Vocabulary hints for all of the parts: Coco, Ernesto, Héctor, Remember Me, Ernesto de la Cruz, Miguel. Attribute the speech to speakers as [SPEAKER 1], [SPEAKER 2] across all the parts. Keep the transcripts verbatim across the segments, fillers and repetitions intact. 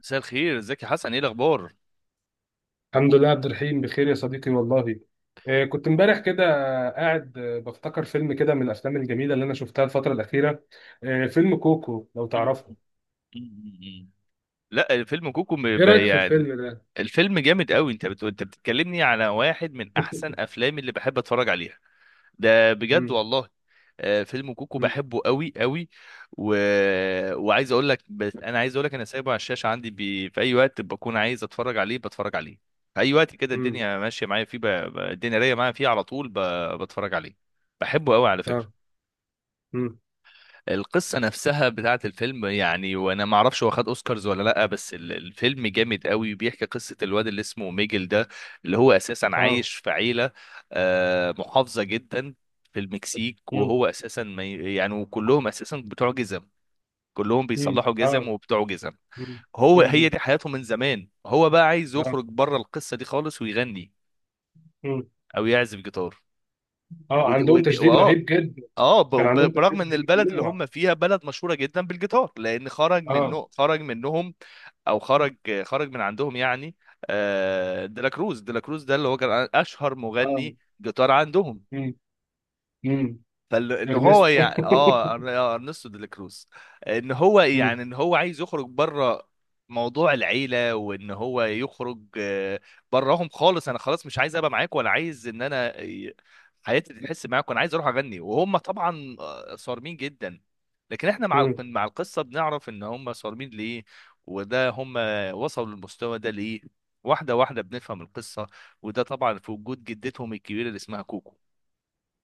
[SPEAKER 1] مساء الخير، ازيك يا حسن؟ ايه الاخبار؟
[SPEAKER 2] الحمد لله. عبد الرحيم بخير يا صديقي والله. آه، كنت امبارح كده قاعد، آه، بفتكر فيلم كده من الافلام الجميله اللي انا شفتها الفتره الاخيره. آه، فيلم كوكو، لو تعرفه.
[SPEAKER 1] لا، الفيلم كوكو م-
[SPEAKER 2] ايه
[SPEAKER 1] ب-
[SPEAKER 2] رايك في
[SPEAKER 1] يعني
[SPEAKER 2] الفيلم ده؟
[SPEAKER 1] الفيلم جامد قوي. انت بت... انت بتتكلمني على واحد من احسن افلام اللي بحب اتفرج عليها. ده بجد والله. آه، فيلم كوكو
[SPEAKER 2] مم،
[SPEAKER 1] بحبه قوي قوي. و... وعايز اقول لك بس انا عايز اقول لك انا سايبه على الشاشه عندي. ب... في اي وقت بكون عايز اتفرج عليه بتفرج عليه. في اي وقت كده
[SPEAKER 2] مم،
[SPEAKER 1] الدنيا ماشيه معايا فيه، ب... ب- الدنيا رايقه معايا فيه على طول ب... بتفرج عليه. بحبه قوي على
[SPEAKER 2] اه،
[SPEAKER 1] فكره.
[SPEAKER 2] مم،
[SPEAKER 1] القصة نفسها بتاعة الفيلم، يعني وانا ما اعرفش هو خد اوسكارز ولا لا، بس ال- الفيلم جامد قوي. بيحكي قصة الواد اللي اسمه ميجل ده، اللي هو اساسا
[SPEAKER 2] اه،
[SPEAKER 1] عايش في عيلة آه، محافظة جدا في المكسيك.
[SPEAKER 2] مم،
[SPEAKER 1] وهو اساسا ما ي- يعني وكلهم اساسا بتوع جزم. كلهم
[SPEAKER 2] مم،
[SPEAKER 1] بيصلحوا جزم
[SPEAKER 2] اه،
[SPEAKER 1] وبتوع جزم.
[SPEAKER 2] مم،
[SPEAKER 1] هو هي
[SPEAKER 2] مم،
[SPEAKER 1] دي حياته من زمان. هو بقى عايز يخرج بره القصة دي خالص ويغني
[SPEAKER 2] مم.
[SPEAKER 1] او يعزف جيتار.
[SPEAKER 2] اه،
[SPEAKER 1] ودي
[SPEAKER 2] عندهم
[SPEAKER 1] ودي
[SPEAKER 2] تشديد
[SPEAKER 1] اه.
[SPEAKER 2] رهيب جدا.
[SPEAKER 1] اه ب-
[SPEAKER 2] كان
[SPEAKER 1] وب-
[SPEAKER 2] عندهم
[SPEAKER 1] برغم ان
[SPEAKER 2] تشديد
[SPEAKER 1] البلد اللي
[SPEAKER 2] ممنوع.
[SPEAKER 1] هم فيها بلد مشهوره جدا بالجيتار، لان خرج
[SPEAKER 2] اه.
[SPEAKER 1] منه خرج منهم، او خرج خرج من عندهم يعني. آه، ديلاكروز ديلاكروز ده اللي هو كان اشهر
[SPEAKER 2] اه.
[SPEAKER 1] مغني جيتار عندهم.
[SPEAKER 2] مم، مم.
[SPEAKER 1] فان هو
[SPEAKER 2] ارنست.
[SPEAKER 1] يعني اه أر- آه، ارنستو دي لا كروز. ان هو
[SPEAKER 2] مم،
[SPEAKER 1] يعني ان هو عايز يخرج بره موضوع العيله، وان هو يخرج آه، براهم خالص. انا خلاص مش عايز ابقى معاك، ولا عايز ان انا آه، حياتي تحس معاك، وانا عايز اروح اغني. وهم طبعا آه، صارمين جدا. لكن احنا مع الق-
[SPEAKER 2] مم.
[SPEAKER 1] مع القصه بنعرف ان هم صارمين ليه، وده هم وصلوا للمستوى ده ليه. واحده واحده بنفهم القصه. وده طبعا في وجود جدتهم الكبيره اللي اسمها كوكو.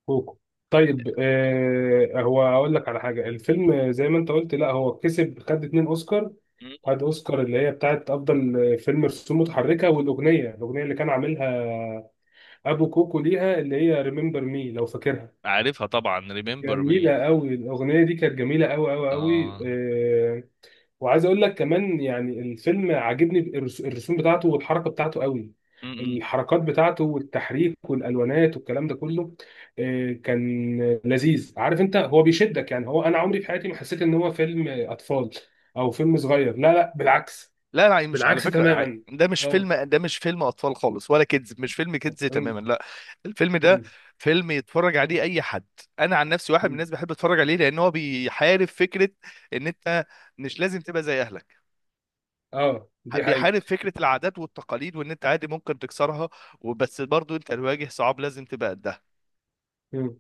[SPEAKER 2] كوكو. طيب، آه هو هقول لك على حاجه. الفيلم زي ما انت قلت، لا، هو كسب، خد اتنين اوسكار. خد اوسكار اللي هي بتاعت افضل فيلم رسوم متحركه، والاغنيه الاغنيه اللي كان عاملها ابو كوكو ليها، اللي هي ريمبر مي، لو فاكرها.
[SPEAKER 1] عارفها طبعا، ريمبر مي.
[SPEAKER 2] جميله قوي، الاغنيه دي كانت جميله قوي قوي قوي.
[SPEAKER 1] اه.
[SPEAKER 2] وعايز اقول لك كمان، يعني الفيلم عاجبني بالرس- الرسوم بتاعته والحركه بتاعته قوي.
[SPEAKER 1] م-م.
[SPEAKER 2] الحركات بتاعته والتحريك والالوانات والكلام ده كله، آه، كان لذيذ. عارف انت هو بيشدك؟ يعني هو انا عمري في حياتي ما حسيت ان هو فيلم اطفال او فيلم صغير، لا، لا، بالعكس.
[SPEAKER 1] لا لا، مش على
[SPEAKER 2] بالعكس
[SPEAKER 1] فكرة، ع-
[SPEAKER 2] تماما.
[SPEAKER 1] ده مش
[SPEAKER 2] اه.
[SPEAKER 1] فيلم، ده مش فيلم أطفال خالص ولا كيدز. مش فيلم كيدز
[SPEAKER 2] أمم.
[SPEAKER 1] تماما، لا. الفيلم ده
[SPEAKER 2] أمم.
[SPEAKER 1] فيلم يتفرج عليه أي حد. أنا عن نفسي واحد من الناس بحب أتفرج عليه، لأن هو بيحارب فكرة إن أنت مش لازم تبقى زي أهلك.
[SPEAKER 2] اه، دي
[SPEAKER 1] بيحارب
[SPEAKER 2] حقيقه.
[SPEAKER 1] فكرة العادات والتقاليد، وإن أنت عادي ممكن تكسرها. وبس برضو أنت الواجه صعاب لازم تبقى قدها.
[SPEAKER 2] أمم.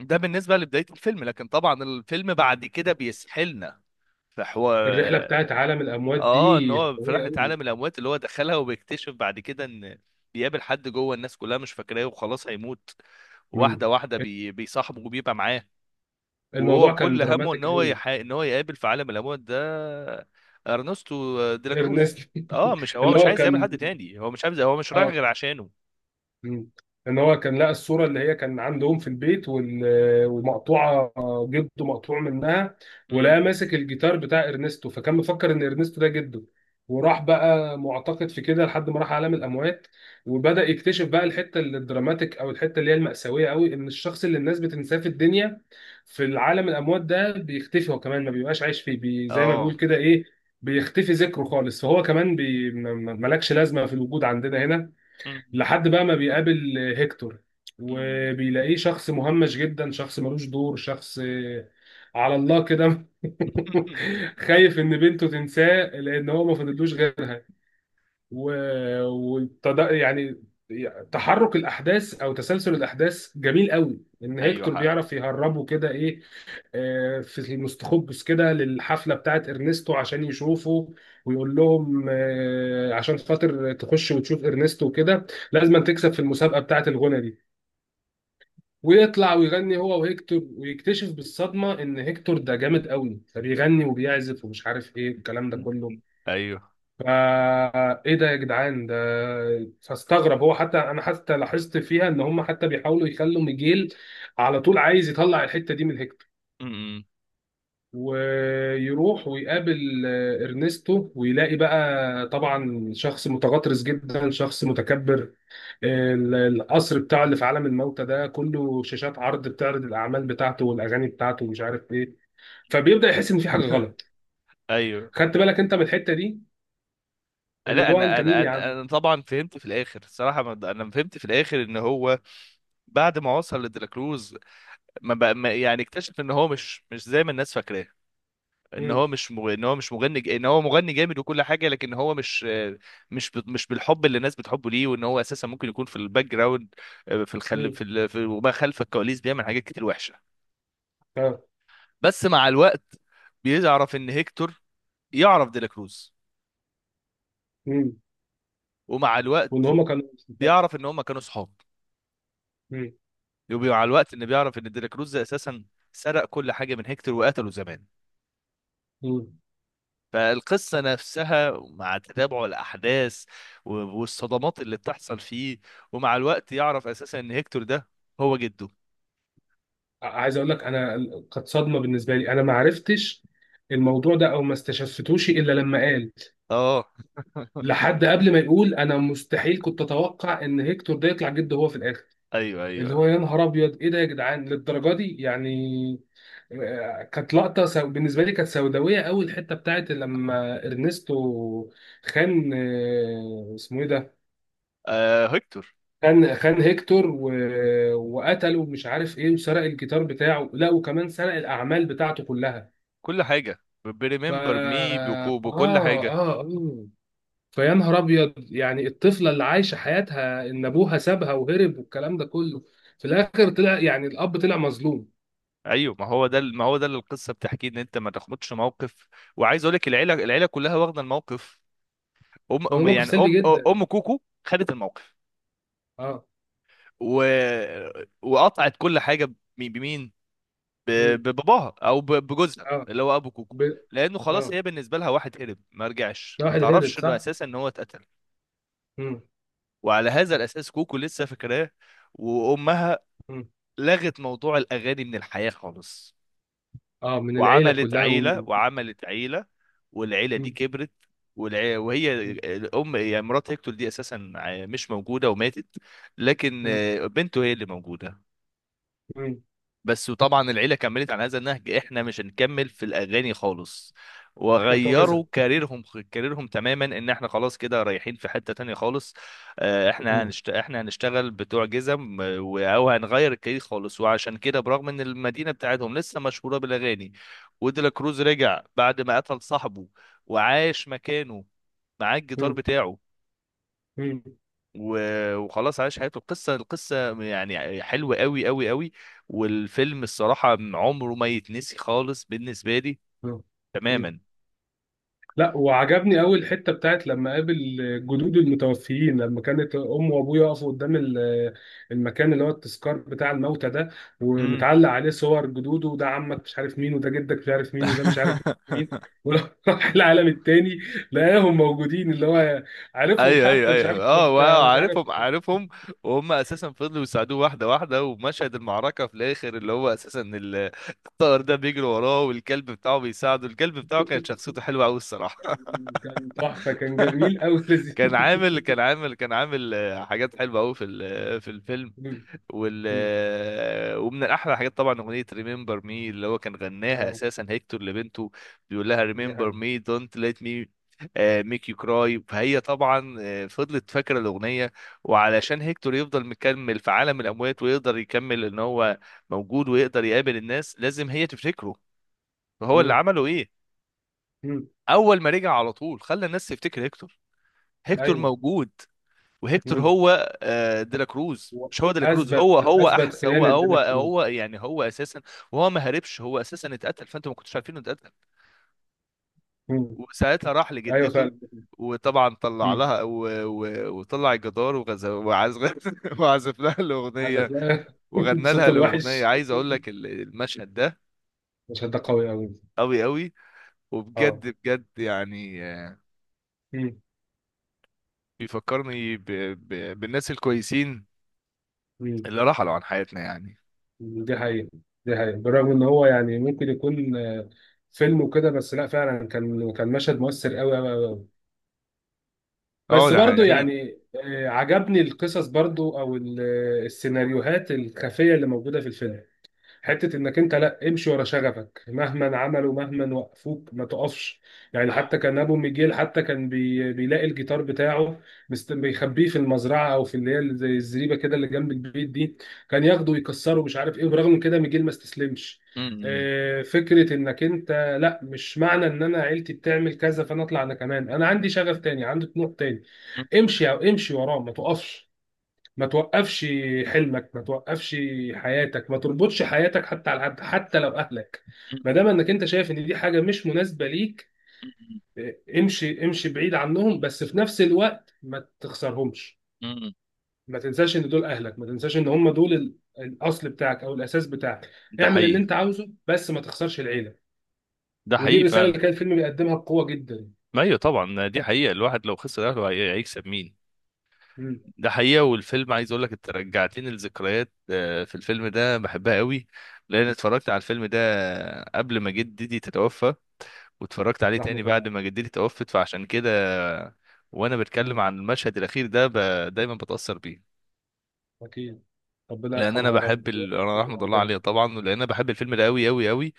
[SPEAKER 1] ده بالنسبة لبداية الفيلم، لكن طبعا الفيلم بعد كده بيسحلنا في حوار.
[SPEAKER 2] الرحله بتاعت عالم الاموات
[SPEAKER 1] اه، ان
[SPEAKER 2] دي
[SPEAKER 1] هو في
[SPEAKER 2] قويه
[SPEAKER 1] رحله
[SPEAKER 2] قوي.
[SPEAKER 1] عالم الاموات اللي هو دخلها، وبيكتشف بعد كده ان بيقابل حد جوه، الناس كلها مش فاكراه وخلاص هيموت. واحده واحده بي... بيصاحبه وبيبقى معاه. وهو
[SPEAKER 2] الموضوع كان
[SPEAKER 1] كل همه ان
[SPEAKER 2] دراماتيك
[SPEAKER 1] هو
[SPEAKER 2] قوي.
[SPEAKER 1] يح... ان هو يقابل في عالم الاموات ده ارنستو ديلا كروز.
[SPEAKER 2] ارنست.
[SPEAKER 1] اه، مش هو
[SPEAKER 2] اللي
[SPEAKER 1] مش
[SPEAKER 2] هو
[SPEAKER 1] عايز يقابل
[SPEAKER 2] كان.
[SPEAKER 1] حد تاني، هو مش عايز، هو مش رايح
[SPEAKER 2] اه.
[SPEAKER 1] غير عشانه.
[SPEAKER 2] مم. ان هو كان لقى الصوره اللي هي كان عندهم في البيت، وال- ومقطوعه، جده مقطوع منها. ولقى
[SPEAKER 1] م-.
[SPEAKER 2] ماسك الجيتار بتاع ارنستو، فكان مفكر ان ارنستو ده جده. وراح بقى معتقد في كده لحد ما راح عالم الاموات، وبدأ يكتشف بقى الحته اللي الدراماتيك، او الحته اللي هي المأساويه قوي، ان الشخص اللي الناس بتنساه في الدنيا، في العالم الاموات ده بيختفي هو كمان. ما بيبقاش عايش فيه، بي زي ما
[SPEAKER 1] اه.
[SPEAKER 2] بيقول كده ايه، بيختفي ذكره خالص. فهو كمان بي... م- م- ملكش لازمه في الوجود عندنا هنا،
[SPEAKER 1] م-. اه.
[SPEAKER 2] لحد بقى ما بيقابل هيكتور.
[SPEAKER 1] م-. م-.
[SPEAKER 2] وبيلاقيه شخص مهمش جدا، شخص ملوش دور، شخص على الله كده. خايف ان بنته تنساه لان هو ما فضلوش غيرها. و... وتد... يعني تحرك الاحداث او تسلسل الاحداث جميل قوي، ان
[SPEAKER 1] ايوه
[SPEAKER 2] هيكتور
[SPEAKER 1] حق.
[SPEAKER 2] بيعرف يهربه كده ايه، آه، في المستخبس كده للحفلة بتاعت إرنستو عشان يشوفه. ويقول لهم آه، عشان خاطر تخش وتشوف إرنستو وكده لازم تكسب في المسابقة بتاعت الغنى دي. ويطلع ويغني هو وهيكتور، ويكتشف بالصدمة إن هيكتور ده جامد قوي، فبيغني وبيعزف ومش عارف إيه الكلام ده
[SPEAKER 1] م-.
[SPEAKER 2] كله.
[SPEAKER 1] م-. ايوه.
[SPEAKER 2] فا ايه ده يا جدعان ده؟ فاستغرب هو. حتى انا حتى لاحظت فيها ان هم حتى بيحاولوا يخلوا ميجيل على طول عايز يطلع الحتة دي من هيكتور.
[SPEAKER 1] م-. م-.
[SPEAKER 2] ويروح ويقابل آه، ارنستو ويلاقي بقى طبعا شخص متغطرس جدا، شخص متكبر. آه، ال- القصر بتاعه اللي في عالم الموتى ده كله شاشات عرض بتعرض الاعمال بتاعته والاغاني بتاعته ومش عارف ايه. فبيبدأ يحس ان في حاجة غلط.
[SPEAKER 1] ايوه.
[SPEAKER 2] خدت بالك انت من الحتة دي؟
[SPEAKER 1] لا
[SPEAKER 2] اللي هو
[SPEAKER 1] انا
[SPEAKER 2] انت مين
[SPEAKER 1] انا
[SPEAKER 2] يا
[SPEAKER 1] انا
[SPEAKER 2] عم؟
[SPEAKER 1] أنا طبعا فهمت في الاخر الصراحه، ما- انا فهمت في الاخر ان هو بعد ما وصل لدراكروز، ما بقى ما يعني اكتشف ان هو مش مش زي ما الناس فاكراه، ان
[SPEAKER 2] مين؟
[SPEAKER 1] هو مش مغ... ان هو مش مغني ج- ان هو مغني جامد وكل حاجه، لكن هو مش مش ب... مش بالحب اللي الناس بتحبه ليه. وان هو اساسا ممكن يكون في الباك جراوند، آه، في الخل
[SPEAKER 2] مين؟
[SPEAKER 1] في, ال... في وما خلف الكواليس بيعمل حاجات كتير وحشه.
[SPEAKER 2] اه،
[SPEAKER 1] بس مع الوقت بيعرف ان هيكتور يعرف ديلاكروز،
[SPEAKER 2] مين؟
[SPEAKER 1] ومع الوقت
[SPEAKER 2] وان هما كانوا؟
[SPEAKER 1] بيعرف ان هم كانوا صحاب.
[SPEAKER 2] مين؟
[SPEAKER 1] ومع الوقت ان بيعرف ان ديلا كروز اساسا سرق كل حاجه من هيكتور وقتله زمان.
[SPEAKER 2] مين؟
[SPEAKER 1] فالقصه نفسها مع تتابع الاحداث و- والصدمات اللي بتحصل فيه، ومع الوقت يعرف اساسا ان هيكتور ده هو جده.
[SPEAKER 2] عايز اقول لك انا، كانت صدمة بالنسبة لي. انا ما عرفتش الموضوع ده، او ما استشفتوش الا لما قال.
[SPEAKER 1] اه،
[SPEAKER 2] لحد قبل ما يقول انا مستحيل كنت اتوقع ان هيكتور ده يطلع جد هو في الاخر.
[SPEAKER 1] ايوه
[SPEAKER 2] اللي
[SPEAKER 1] ايوه.
[SPEAKER 2] هو يا نهار ابيض ايه ده يا جدعان للدرجه دي يعني. آه، كانت لقطه سو... بالنسبه لي كانت سوداويه قوي، الحته بتاعت لما ارنستو خان، آه، اسمه ايه ده،
[SPEAKER 1] آه، هيكتور
[SPEAKER 2] خان خان هيكتور و... وقتله ومش عارف ايه، وسرق الجيتار بتاعه، لا وكمان سرق الاعمال بتاعته كلها.
[SPEAKER 1] كل حاجه،
[SPEAKER 2] ف
[SPEAKER 1] بريمبر مي،
[SPEAKER 2] اه
[SPEAKER 1] بكو بكل
[SPEAKER 2] اه
[SPEAKER 1] حاجه.
[SPEAKER 2] آه. فيا نهار ابيض يعني الطفله اللي عايشه حياتها ان ابوها سابها وهرب والكلام ده كله، في الاخر طلع يعني الاب طلع مظلوم.
[SPEAKER 1] ايوه، ما هو ده ما هو ده اللي القصه بتحكيه، ان انت ما تاخدش موقف. وعايز اقول لك، العيله العيله كلها واخده الموقف. ام
[SPEAKER 2] هو
[SPEAKER 1] أم-
[SPEAKER 2] موقف
[SPEAKER 1] يعني
[SPEAKER 2] سلبي
[SPEAKER 1] ام
[SPEAKER 2] جدا.
[SPEAKER 1] ام كوكو خدت الموقف.
[SPEAKER 2] اه.
[SPEAKER 1] و... وقطعت كل حاجه ب- بمين؟ ب-
[SPEAKER 2] امم.
[SPEAKER 1] بباباها، او ب- بجوزها
[SPEAKER 2] اه.
[SPEAKER 1] اللي هو ابو كوكو.
[SPEAKER 2] ب...
[SPEAKER 1] لانه خلاص
[SPEAKER 2] اه،
[SPEAKER 1] هي بالنسبه لها واحد هرب ما رجعش،
[SPEAKER 2] ده
[SPEAKER 1] ما
[SPEAKER 2] واحد هرب،
[SPEAKER 1] تعرفش انه
[SPEAKER 2] صح.
[SPEAKER 1] اساسا ان هو اتقتل.
[SPEAKER 2] امم.
[SPEAKER 1] وعلى هذا الاساس كوكو لسه فاكراه. وامها لغت موضوع الاغاني من الحياه خالص،
[SPEAKER 2] اه، من العيله
[SPEAKER 1] وعملت
[SPEAKER 2] كلها و...
[SPEAKER 1] عيله وعملت عيله، والعيله دي
[SPEAKER 2] مم.
[SPEAKER 1] كبرت. والع... وهي الام، يعني مرات هيكتور دي، اساسا ع- مش موجوده، وماتت. لكن
[SPEAKER 2] مم.
[SPEAKER 1] آه، بنته هي اللي موجوده
[SPEAKER 2] مم.
[SPEAKER 1] بس. وطبعا العيله كملت على هذا النهج، احنا مش هنكمل في الاغاني خالص،
[SPEAKER 2] احنا بتوع جزر.
[SPEAKER 1] وغيروا كاريرهم. كاريرهم تماما، ان احنا خلاص كده رايحين في حته تانية خالص. آه، احنا
[SPEAKER 2] مم.
[SPEAKER 1] هنشت... احنا هنشتغل بتوع جزم، آه، و- او هنغير الكارير خالص. وعشان كده برغم ان المدينه بتاعتهم لسه مشهوره بالاغاني. وديلا كروز رجع بعد ما قتل صاحبه، وعاش مكانه معاه الجيتار بتاعه.
[SPEAKER 2] مم.
[SPEAKER 1] و- وخلاص عاش حياته. القصة القصة يعني حلوة قوي قوي قوي، والفيلم الصراحة عمره ما يتنسي خالص بالنسبة لي،
[SPEAKER 2] مم.
[SPEAKER 1] تماما.
[SPEAKER 2] لا، وعجبني قوي الحته بتاعت لما قابل جدود المتوفيين، لما كانت امه وابوه يقفوا قدام ال- المكان، اللي هو التذكار بتاع الموتى ده،
[SPEAKER 1] امم.
[SPEAKER 2] ومتعلق عليه صور جدوده. وده عمك مش عارف مين، وده جدك مش عارف مين، وده مش عارف مين. ولو راح العالم التاني لقاهم موجودين، اللي هو عارفهم
[SPEAKER 1] ايوه ايوه
[SPEAKER 2] حتى مش
[SPEAKER 1] ايوه
[SPEAKER 2] عارف.
[SPEAKER 1] اه، واو،
[SPEAKER 2] مش عارف.
[SPEAKER 1] عارفهم عارفهم. وهم اساسا فضلوا يساعدوه واحده واحده. ومشهد المعركه في الاخر، اللي هو اساسا ال- الطائر ده بيجري وراه، والكلب بتاعه بيساعده. الكلب بتاعه كانت شخصيته حلوه قوي الصراحه.
[SPEAKER 2] كان تحفه، كان جميل قوي. لذيذ.
[SPEAKER 1] كان عامل كان عامل كان عامل آه، حاجات حلوه قوي في ال- في الفيلم.
[SPEAKER 2] مم.
[SPEAKER 1] وال
[SPEAKER 2] مم.
[SPEAKER 1] ومن الاحلى الحاجات طبعا اغنيه ريمبر مي، اللي هو كان غناها
[SPEAKER 2] آه،
[SPEAKER 1] اساسا هيكتور لبنته، بيقول لها:
[SPEAKER 2] دي
[SPEAKER 1] ريمبر
[SPEAKER 2] حقيقة.
[SPEAKER 1] مي دونت ليت مي ميك يو كراي. فهي طبعا آه، فضلت فاكره الاغنيه. وعلشان هيكتور يفضل مكمل في عالم الاموات، ويقدر يكمل ان هو موجود، ويقدر يقابل الناس، لازم هي تفتكره. فهو اللي
[SPEAKER 2] مم.
[SPEAKER 1] عمله ايه؟
[SPEAKER 2] مم.
[SPEAKER 1] اول ما رجع على طول، خلى الناس تفتكر هيكتور. هيكتور
[SPEAKER 2] ايوه.
[SPEAKER 1] موجود، وهيكتور
[SPEAKER 2] مم.
[SPEAKER 1] هو آه، ديلا كروز،
[SPEAKER 2] و-
[SPEAKER 1] مش هو ديلا كروز. هو
[SPEAKER 2] اثبت
[SPEAKER 1] هو احس هو
[SPEAKER 2] خيانه
[SPEAKER 1] هو
[SPEAKER 2] دينك.
[SPEAKER 1] هو يعني هو اساسا وهو ما هربش، هو اساسا اتقتل. فانتوا ما كنتوش عارفين انه اتقتل.
[SPEAKER 2] مم.
[SPEAKER 1] وساعتها راح
[SPEAKER 2] ايوه
[SPEAKER 1] لجدته،
[SPEAKER 2] فعلا.
[SPEAKER 1] وطبعا طلع
[SPEAKER 2] مم.
[SPEAKER 1] لها و... و... وطلع الجدار وغز... وعزف وعزف لها
[SPEAKER 2] عايز
[SPEAKER 1] الاغنيه،
[SPEAKER 2] أفلام.
[SPEAKER 1] وغنى لها
[SPEAKER 2] صوته
[SPEAKER 1] الاغنيه.
[SPEAKER 2] الوحش.
[SPEAKER 1] عايز اقول لك ال- المشهد ده
[SPEAKER 2] مش ده قوي أوي؟
[SPEAKER 1] قوي قوي. وبجد
[SPEAKER 2] اه.
[SPEAKER 1] بجد يعني، آه،
[SPEAKER 2] مم.
[SPEAKER 1] بيفكرني ب... ب... بالناس الكويسين
[SPEAKER 2] مم.
[SPEAKER 1] اللي رحلوا عن حياتنا يعني.
[SPEAKER 2] دي حقيقة. دي حقيقة، بالرغم إن هو يعني ممكن يكون آه، فيلم وكده، بس لا فعلا كان كان مشهد مؤثر أوي أوي أوي أوي.
[SPEAKER 1] اه،
[SPEAKER 2] بس
[SPEAKER 1] ده
[SPEAKER 2] برضو
[SPEAKER 1] حقيقي.
[SPEAKER 2] يعني، آه، عجبني القصص برضو، أو ال- آه، السيناريوهات الخفية اللي موجودة في الفيلم. حته انك انت، لا، امشي ورا شغفك مهما عملوا مهما وقفوك ما تقفش. يعني حتى كان ابو ميجيل حتى كان بي... بيلاقي الجيتار بتاعه، مست... بيخبيه في المزرعه، او في اللي هي زي الزريبه كده اللي جنب البيت دي، كان ياخده ويكسره مش عارف ايه، وبرغم من كده ميجيل ما استسلمش.
[SPEAKER 1] م-. م-.
[SPEAKER 2] آه، فكره انك انت، لا مش معنى ان انا عيلتي بتعمل كذا فانا اطلع انا كمان. انا عندي شغف تاني، عندي طموح تاني.
[SPEAKER 1] م-.
[SPEAKER 2] امشي او امشي وراه ما تقفش. ما توقفش. حلمك ما توقفش. حياتك ما تربطش حياتك حتى على حد حتى لو اهلك،
[SPEAKER 1] مم.
[SPEAKER 2] ما دام انك انت شايف ان دي حاجه مش مناسبه ليك، اه، امشي، امشي بعيد عنهم، بس في نفس الوقت ما تخسرهمش.
[SPEAKER 1] مم. مم.
[SPEAKER 2] ما تنساش ان دول اهلك، ما تنساش ان هم دول ال- الاصل بتاعك او الاساس بتاعك.
[SPEAKER 1] ده
[SPEAKER 2] اعمل اللي
[SPEAKER 1] حقيقي.
[SPEAKER 2] انت عاوزه، بس ما تخسرش العيله.
[SPEAKER 1] ده
[SPEAKER 2] ودي
[SPEAKER 1] حقيقي
[SPEAKER 2] الرساله
[SPEAKER 1] فعلا.
[SPEAKER 2] اللي كان الفيلم بيقدمها بقوه جدا.
[SPEAKER 1] ما ايوه طبعا، دي حقيقة. الواحد لو خسر اهله هي- هيكسب مين؟
[SPEAKER 2] مم.
[SPEAKER 1] ده حقيقة. والفيلم عايز اقول لك، انت رجعتني لذكريات آه، في الفيلم ده بحبها قوي. لان اتفرجت على الفيلم ده قبل ما جدتي تتوفى، واتفرجت عليه
[SPEAKER 2] رحمه
[SPEAKER 1] تاني بعد
[SPEAKER 2] الله.
[SPEAKER 1] ما جدتي توفت. فعشان كده، وانا بتكلم
[SPEAKER 2] مم.
[SPEAKER 1] عن المشهد الاخير ده، ب... دايما بتأثر بيه.
[SPEAKER 2] اكيد. ربنا
[SPEAKER 1] لان انا
[SPEAKER 2] يرحمها يا رب.
[SPEAKER 1] بحب ال... انا رحمة الله عليه طبعا، لان انا بحب الفيلم ده قوي قوي قوي.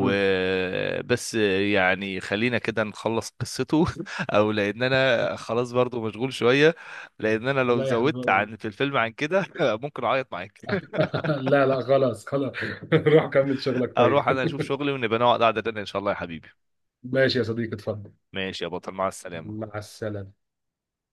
[SPEAKER 2] مم.
[SPEAKER 1] يعني خلينا كده نخلص قصته. او لان انا خلاص برضو مشغول شوية، لان انا لو
[SPEAKER 2] الله يا
[SPEAKER 1] زودت
[SPEAKER 2] حبيبي.
[SPEAKER 1] عن في الفيلم عن كده ممكن اعيط معاك.
[SPEAKER 2] لا، لا، خلاص، خلاص. روح كمل شغلك،
[SPEAKER 1] اروح
[SPEAKER 2] طيب.
[SPEAKER 1] انا اشوف شغلي، ونبقى نقعد قعدة تانية ان شاء الله يا حبيبي.
[SPEAKER 2] ماشي يا صديقي، اتفضل.
[SPEAKER 1] ماشي يا بطل، مع السلامة.
[SPEAKER 2] مع السلامة.